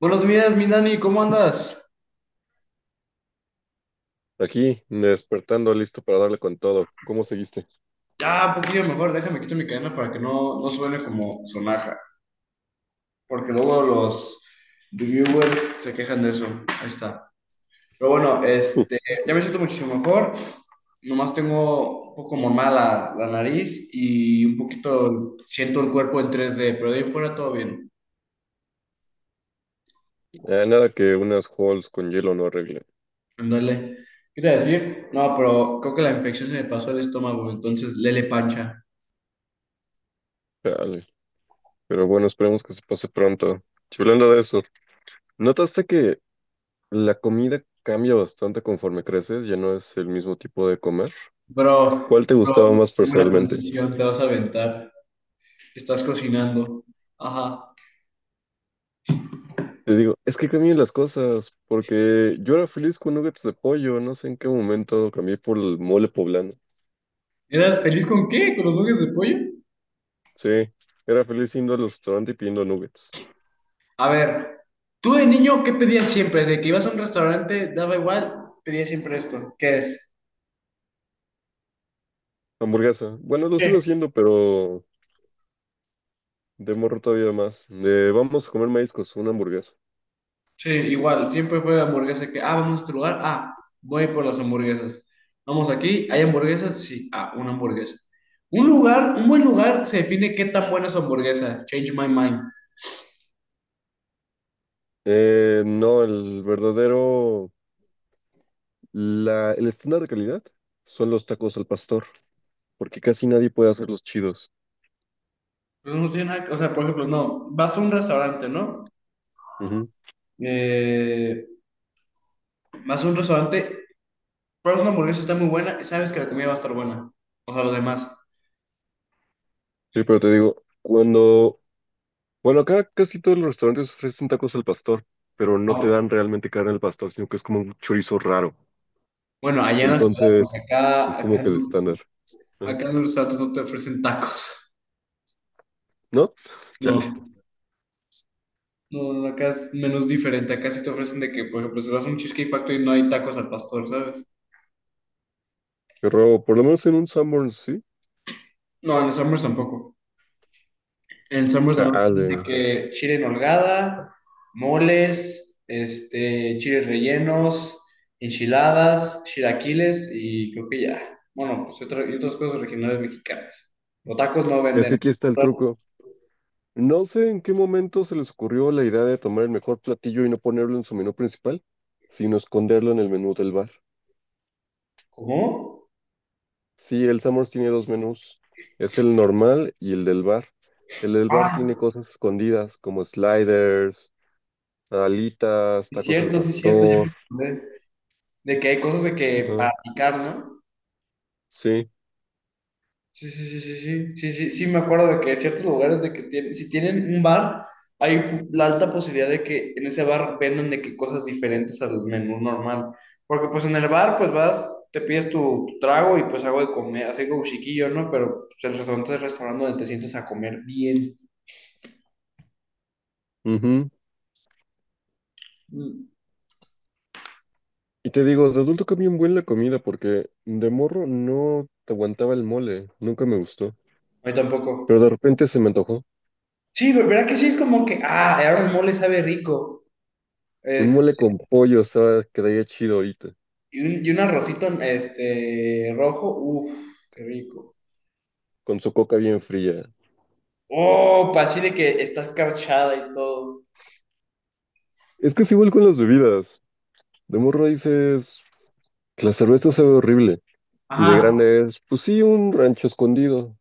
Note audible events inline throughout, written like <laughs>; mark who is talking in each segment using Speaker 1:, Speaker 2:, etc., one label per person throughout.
Speaker 1: Buenos días, mi Dani, ¿cómo andas?
Speaker 2: Aquí, despertando, listo para darle con todo. ¿Cómo seguiste?
Speaker 1: Ah, un poquillo mejor, déjame quito mi cadena para que no suene como sonaja, porque luego los reviewers se quejan de eso. Ahí está. Pero bueno, este,
Speaker 2: <laughs>
Speaker 1: ya me siento muchísimo mejor. Nomás tengo un poco como mala la nariz y un poquito siento el cuerpo en 3D pero de ahí fuera todo bien.
Speaker 2: Ah, nada que unas halls con hielo no arregle.
Speaker 1: Ándale. ¿Qué te iba a decir? No, pero creo que la infección se me pasó al estómago, entonces lele pancha.
Speaker 2: Chale. Pero bueno, esperemos que se pase pronto. Y hablando de eso, ¿notaste que la comida cambia bastante conforme creces? Ya no es el mismo tipo de comer.
Speaker 1: Bro,
Speaker 2: ¿Cuál te gustaba
Speaker 1: bro,
Speaker 2: más
Speaker 1: tengo una
Speaker 2: personalmente?
Speaker 1: transición, te vas a aventar. Estás cocinando. Ajá.
Speaker 2: Te digo, es que cambian las cosas, porque yo era feliz con nuggets de pollo, no sé en qué momento cambié por el mole poblano.
Speaker 1: ¿Eras feliz con qué? ¿Con los nuggets de pollo?
Speaker 2: Sí, era feliz yendo al restaurante y pidiendo nuggets.
Speaker 1: A ver, tú de niño, ¿qué pedías siempre? Desde que ibas a un restaurante, daba igual, pedías siempre esto. ¿Qué es?
Speaker 2: Hamburguesa. Bueno, lo
Speaker 1: ¿Qué?
Speaker 2: sigo haciendo, pero. De morro todavía más. De, vamos a comer mariscos, una hamburguesa.
Speaker 1: Sí, igual, siempre fue hamburguesa que, ah, vamos a este lugar, ah, voy por las hamburguesas. Vamos aquí, ¿hay hamburguesas? Sí, ah, una hamburguesa. Un lugar, un buen lugar se define qué tan buena es su hamburguesa. Change my mind.
Speaker 2: No, el verdadero, el estándar de calidad son los tacos al pastor, porque casi nadie puede hacer los chidos.
Speaker 1: Pues no tiene nada que- o sea, por ejemplo, no, vas a un restaurante, ¿no?
Speaker 2: Ujú.
Speaker 1: Eh, vas a un restaurante. Pero es una hamburguesa está muy buena, sabes que la comida va a estar buena. O sea, lo demás.
Speaker 2: Sí, pero te digo, acá casi todos los restaurantes ofrecen tacos al pastor, pero no te dan realmente carne al pastor, sino que es como un chorizo raro.
Speaker 1: Bueno, allá en la ciudad, porque
Speaker 2: Entonces, es como que el estándar. Ajá.
Speaker 1: Acá en los restaurantes no te ofrecen tacos. <laughs>
Speaker 2: ¿No? Chale.
Speaker 1: No, no, no, acá es menos diferente. Acá sí te ofrecen de que, por ejemplo, si vas a un Cheesecake Factory no hay tacos al pastor, ¿sabes?
Speaker 2: Pero por lo menos en un Sanborns, sí.
Speaker 1: No, en los Summers tampoco. El Summers nomás dice
Speaker 2: Chale.
Speaker 1: que chile en holgada, moles, este, chiles rellenos, enchiladas, chilaquiles y creo que ya. Bueno, pues y otras cosas regionales mexicanas. Los tacos no
Speaker 2: Es que
Speaker 1: venden.
Speaker 2: aquí está el truco. No sé en qué momento se les ocurrió la idea de tomar el mejor platillo y no ponerlo en su menú principal, sino esconderlo en el menú del bar.
Speaker 1: ¿Cómo?
Speaker 2: Sí, el Summers tiene dos menús, es el normal y el del bar. El del bar
Speaker 1: Ah,
Speaker 2: tiene cosas escondidas como sliders, alitas,
Speaker 1: es
Speaker 2: tacos al
Speaker 1: cierto, sí es cierto. Ya
Speaker 2: pastor.
Speaker 1: me acordé. De que hay cosas de que
Speaker 2: Ajá,
Speaker 1: para picar, ¿no?
Speaker 2: sí.
Speaker 1: Sí, sí, sí, sí, sí, sí, sí, sí, me acuerdo de que ciertos lugares de que tienen, si tienen un bar, hay la alta posibilidad de que en ese bar vendan de que cosas diferentes al menú normal. Porque pues en el bar, pues vas, te pides tu trago y pues algo de comer, así como chiquillo, ¿no? Pero pues, el restaurante es el restaurante donde te sientes a comer bien.
Speaker 2: Ujú.
Speaker 1: Mm.
Speaker 2: Y te digo, de adulto cambió un buen la comida porque de morro no te aguantaba el mole, nunca me gustó.
Speaker 1: A mí tampoco.
Speaker 2: Pero de repente se me antojó.
Speaker 1: Sí, ¿verdad que sí? Es como que, ah, ahora el mole sabe rico.
Speaker 2: Un
Speaker 1: Este,
Speaker 2: mole con pollo, o sea, quedaría chido ahorita.
Speaker 1: y un arrocito, este, rojo, uff, qué rico.
Speaker 2: Con su coca bien fría.
Speaker 1: Oh, pues así de que está escarchada y todo.
Speaker 2: Es que es igual con las bebidas. De morro dices, la cerveza sabe horrible. Y de
Speaker 1: Ajá,
Speaker 2: grande es, pues sí, un rancho escondido.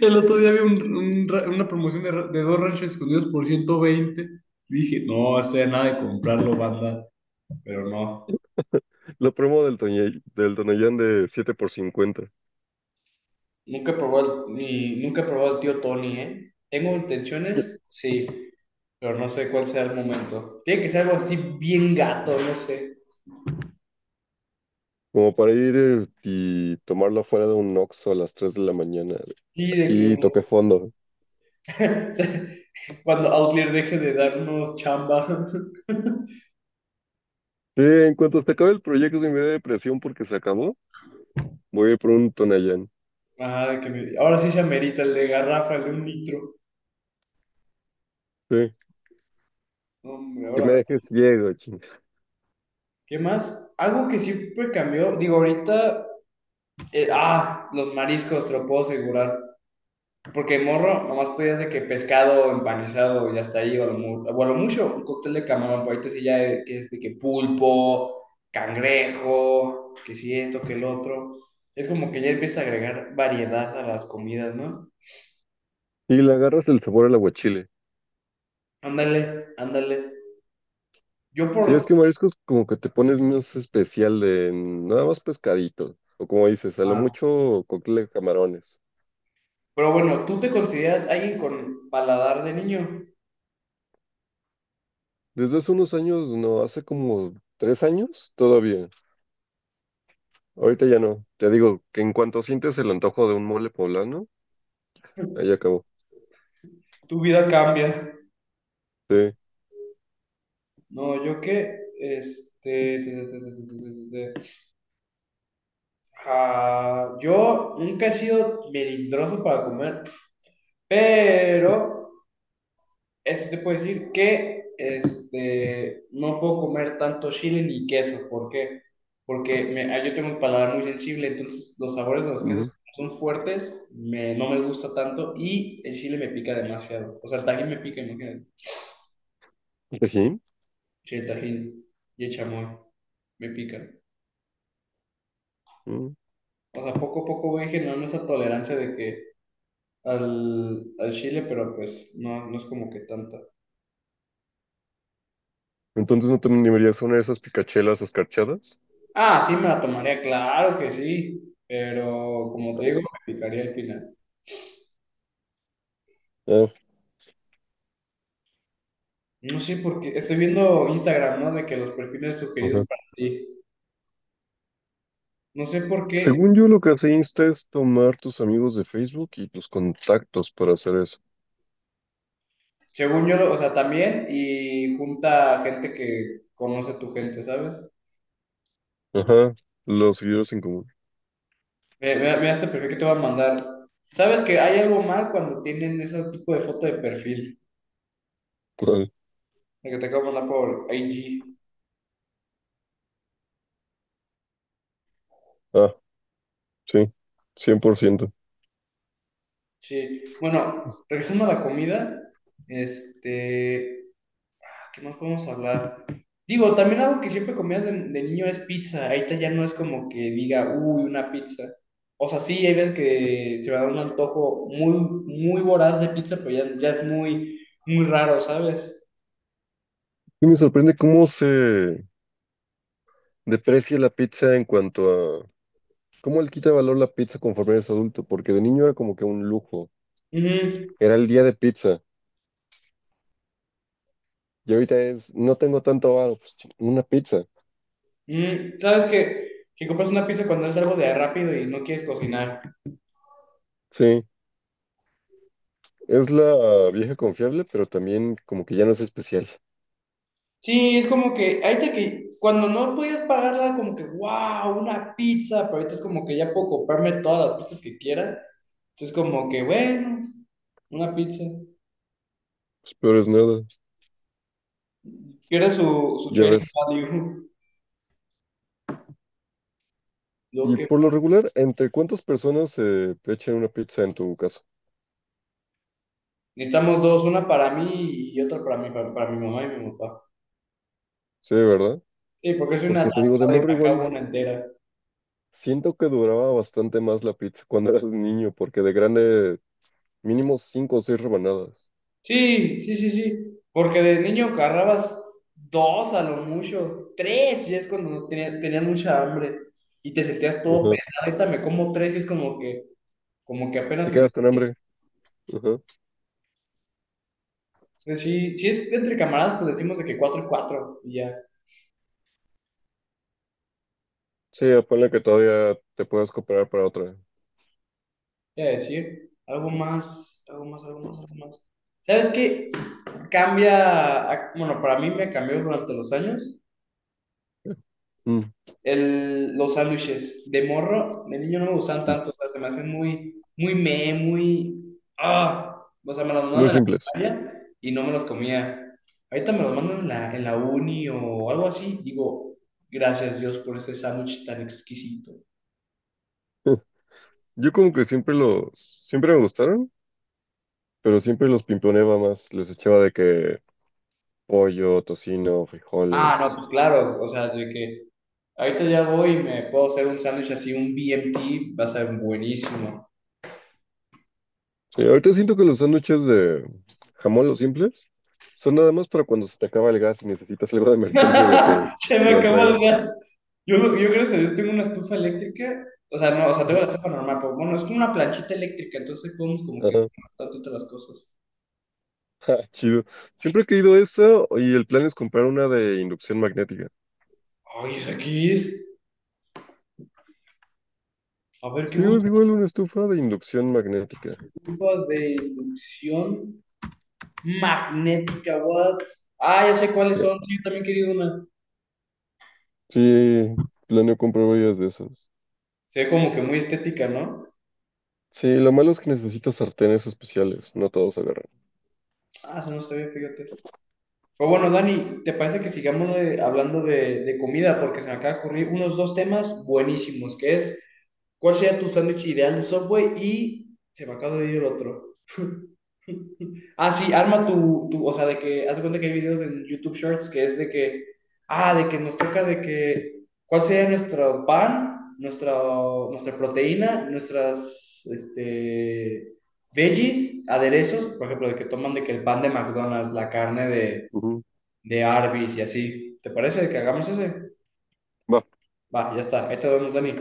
Speaker 1: el otro día vi una promoción de dos ranchos escondidos por 120. Dije, no, hasta de nada de comprarlo, banda, pero no.
Speaker 2: La promo del Tonayán de 7 por 50.
Speaker 1: Nunca he probado el tío Tony, ¿eh? ¿Tengo intenciones? Sí, pero no sé cuál sea el momento. Tiene que ser algo así bien gato, no sé.
Speaker 2: Como para ir y tomarla fuera de un Oxxo a las 3 de la mañana.
Speaker 1: Y de
Speaker 2: Aquí
Speaker 1: que
Speaker 2: toque fondo.
Speaker 1: <laughs> cuando Outlier deje de darnos chamba. <laughs>
Speaker 2: Sí, en cuanto se acabe el proyecto y me dé depresión porque se acabó, voy a ir por un Tonayán.
Speaker 1: Ajá, ahora sí se amerita el de garrafa, el de un litro.
Speaker 2: Sí,
Speaker 1: No, hombre,
Speaker 2: que me
Speaker 1: ahora,
Speaker 2: dejes ciego, ching.
Speaker 1: ¿qué más? Algo que siempre cambió, digo, ahorita, ah, los mariscos, te lo puedo asegurar. Porque morro, nomás podías de que pescado empanizado y hasta ahí, o o a lo mucho, un cóctel de camarón, pero ahorita sí ya que es de que pulpo, cangrejo, que sí esto, que el otro. Es como que ya empieza a agregar variedad a las comidas, ¿no?
Speaker 2: Y le agarras el sabor al aguachile.
Speaker 1: Ándale, ándale. Yo
Speaker 2: Sí, es
Speaker 1: por...
Speaker 2: que mariscos como que te pones más especial de nada más pescadito, o como dices, a lo mucho cóctel de camarones.
Speaker 1: Pero bueno, ¿tú te consideras alguien con paladar de niño?
Speaker 2: Desde hace unos años, no, hace como 3 años, todavía. Ahorita ya no. Te digo que en cuanto sientes el antojo de un mole poblano, ahí acabó.
Speaker 1: Tu vida cambia.
Speaker 2: Sí.
Speaker 1: No, yo qué, este, te- te- te- te- te- te- te- ah, yo nunca he sido melindroso para comer, pero eso te puedo decir que, este, no puedo comer tanto chile ni queso. ¿Por qué? Porque ah, yo tengo un paladar muy sensible, entonces los sabores de los quesos
Speaker 2: Ujú.
Speaker 1: son fuertes, no me gusta tanto y el chile me pica demasiado. O sea, el tajín me pica, imagínate.
Speaker 2: Tajín.
Speaker 1: Sí, el Tajín y el chamoy me pican.
Speaker 2: Ujú.
Speaker 1: O sea, poco a poco voy generando esa tolerancia de que al chile, pero pues no, no es como que tanta.
Speaker 2: Entonces no te animarías a una de esas picachelas escarchadas.
Speaker 1: Ah, sí, me la tomaría, claro que sí, pero como te digo, me picaría al final.
Speaker 2: Ah,
Speaker 1: No sé por qué, estoy viendo Instagram, ¿no? De que los perfiles sugeridos
Speaker 2: ajá.
Speaker 1: para ti. No sé por qué,
Speaker 2: Según yo, lo que hace Insta es tomar tus amigos de Facebook y tus contactos para hacer eso.
Speaker 1: según yo, o sea, también y junta gente que conoce tu gente, ¿sabes?
Speaker 2: Ajá. Los seguidores en común.
Speaker 1: Mira, mira este perfil que te voy a mandar. ¿Sabes que hay algo mal cuando tienen ese tipo de foto de perfil?
Speaker 2: <laughs>
Speaker 1: La que te acabo de mandar por IG.
Speaker 2: Ah, sí, 100%.
Speaker 1: Sí. Bueno, regresando a la comida, este, ah, ¿qué más podemos hablar? Digo, también algo que siempre comías de niño es pizza. Ahorita ya no es como que diga, uy, una pizza. O sea, sí, hay veces que se me da un antojo muy, muy voraz de pizza, pero ya, ya es muy, muy raro, ¿sabes?
Speaker 2: Y me sorprende cómo se deprecia la pizza en cuanto a cómo le quita valor la pizza conforme eres adulto, porque de niño era como que un lujo,
Speaker 1: Ujú.
Speaker 2: era el día de pizza, y ahorita es, no tengo tanto valor, pues ching, una pizza.
Speaker 1: ¿Sabes qué? Que compras una pizza cuando es algo de rápido y no quieres cocinar.
Speaker 2: Sí, es la vieja confiable, pero también como que ya no es especial.
Speaker 1: Sí, es como que ahorita que cuando no podías pagarla, como que, wow, una pizza, pero ahorita es como que ya puedo comprarme todas las pizzas que quiera. Entonces, como que, bueno, una pizza.
Speaker 2: Pues peor es nada.
Speaker 1: Pierde su
Speaker 2: Y a ver,
Speaker 1: trading value. <laughs> Lo
Speaker 2: y
Speaker 1: que
Speaker 2: por lo regular, ¿entre cuántas personas se echan una pizza en tu caso?
Speaker 1: necesitamos dos, una para mí y otra para para mi mamá y mi papá.
Speaker 2: Sí, ¿verdad?
Speaker 1: Sí, porque soy una
Speaker 2: Porque te digo, de
Speaker 1: atascada y me
Speaker 2: morro
Speaker 1: acabo
Speaker 2: igual
Speaker 1: una entera.
Speaker 2: siento que duraba bastante más la pizza cuando eras niño, porque de grande mínimo 5 o 6 rebanadas.
Speaker 1: Sí, sí, sí, sí. Porque de niño agarrabas dos a lo mucho, tres, y es cuando no tenía- tenías mucha hambre y te sentías todo
Speaker 2: Ajá.
Speaker 1: pesado. Ahorita me como tres y es como que apenas
Speaker 2: Te
Speaker 1: se me.
Speaker 2: quedas con hambre. Ajá.
Speaker 1: Pues sí, si es entre camaradas, pues decimos de que cuatro y cuatro, y ya.
Speaker 2: Sí, ponle que todavía te puedes comprar para otra.
Speaker 1: Te voy a decir, algo más, algo más, algo más, algo más. ¿Sabes qué? Cambia, bueno, para mí me cambió durante los años.
Speaker 2: Mm,
Speaker 1: Los sándwiches de morro, de niño no me gustan
Speaker 2: mm.
Speaker 1: tanto, o sea, se me hacen muy, ah, o sea, me los
Speaker 2: Muy
Speaker 1: mandaban en la
Speaker 2: simples.
Speaker 1: primaria y no me los comía. Ahorita me los mandan en la uni o algo así, digo, gracias Dios por este sándwich tan exquisito.
Speaker 2: <laughs> Yo como que siempre me gustaron, pero siempre los pimponeaba más. Les echaba de que pollo, tocino,
Speaker 1: Ah, no,
Speaker 2: frijoles.
Speaker 1: pues claro, o sea, de que ahorita ya voy y me puedo hacer un sándwich así, un BMT, va a ser buenísimo.
Speaker 2: Sí, ahorita siento que los sándwiches de jamón, los simples, son nada más para cuando se te acaba el gas y necesitas algo de emergencia en lo que
Speaker 1: <laughs> Se me
Speaker 2: te lo
Speaker 1: acabó el
Speaker 2: entregan.
Speaker 1: gas. Yo gracias a Dios tengo una estufa eléctrica. O sea, no, o sea, tengo la estufa normal, pero bueno, es como una planchita eléctrica, entonces podemos como que
Speaker 2: Ajá.
Speaker 1: bastante otras cosas.
Speaker 2: <laughs> Ah, chido. Siempre he querido eso y el plan es comprar una de inducción magnética.
Speaker 1: Ay, es aquí es. A ver, ¿qué
Speaker 2: Sí,
Speaker 1: busco?
Speaker 2: es igual una estufa de inducción magnética.
Speaker 1: Estufa de inducción magnética, what? Ah, ya sé cuáles
Speaker 2: Sí,
Speaker 1: son. Sí, yo también he querido una.
Speaker 2: sí, planeo comprar varias de esas.
Speaker 1: Se ve como que muy estética, ¿no?
Speaker 2: Sí, lo malo es que necesitas sartenes especiales, no todos agarran.
Speaker 1: Ah, se no sabía, fíjate. Pero bueno, Dani, ¿te parece que sigamos hablando de comida? Porque se me acaba de ocurrir unos dos temas buenísimos, que es cuál sería tu sándwich ideal de Subway y se me acaba de ir el otro. <laughs> Ah, sí, arma o sea, de que, haz de cuenta que hay videos en YouTube Shorts que es de que, ah, de que nos toca de que, ¿cuál sería nuestro pan, nuestra proteína, nuestras, este, veggies, aderezos, por ejemplo, de que toman de que el pan de McDonald's, la carne de,
Speaker 2: Ujú.
Speaker 1: de Arby's y así. ¿Te parece que hagamos ese?
Speaker 2: Va.
Speaker 1: Va, ya está. Ahí te vemos, Dani.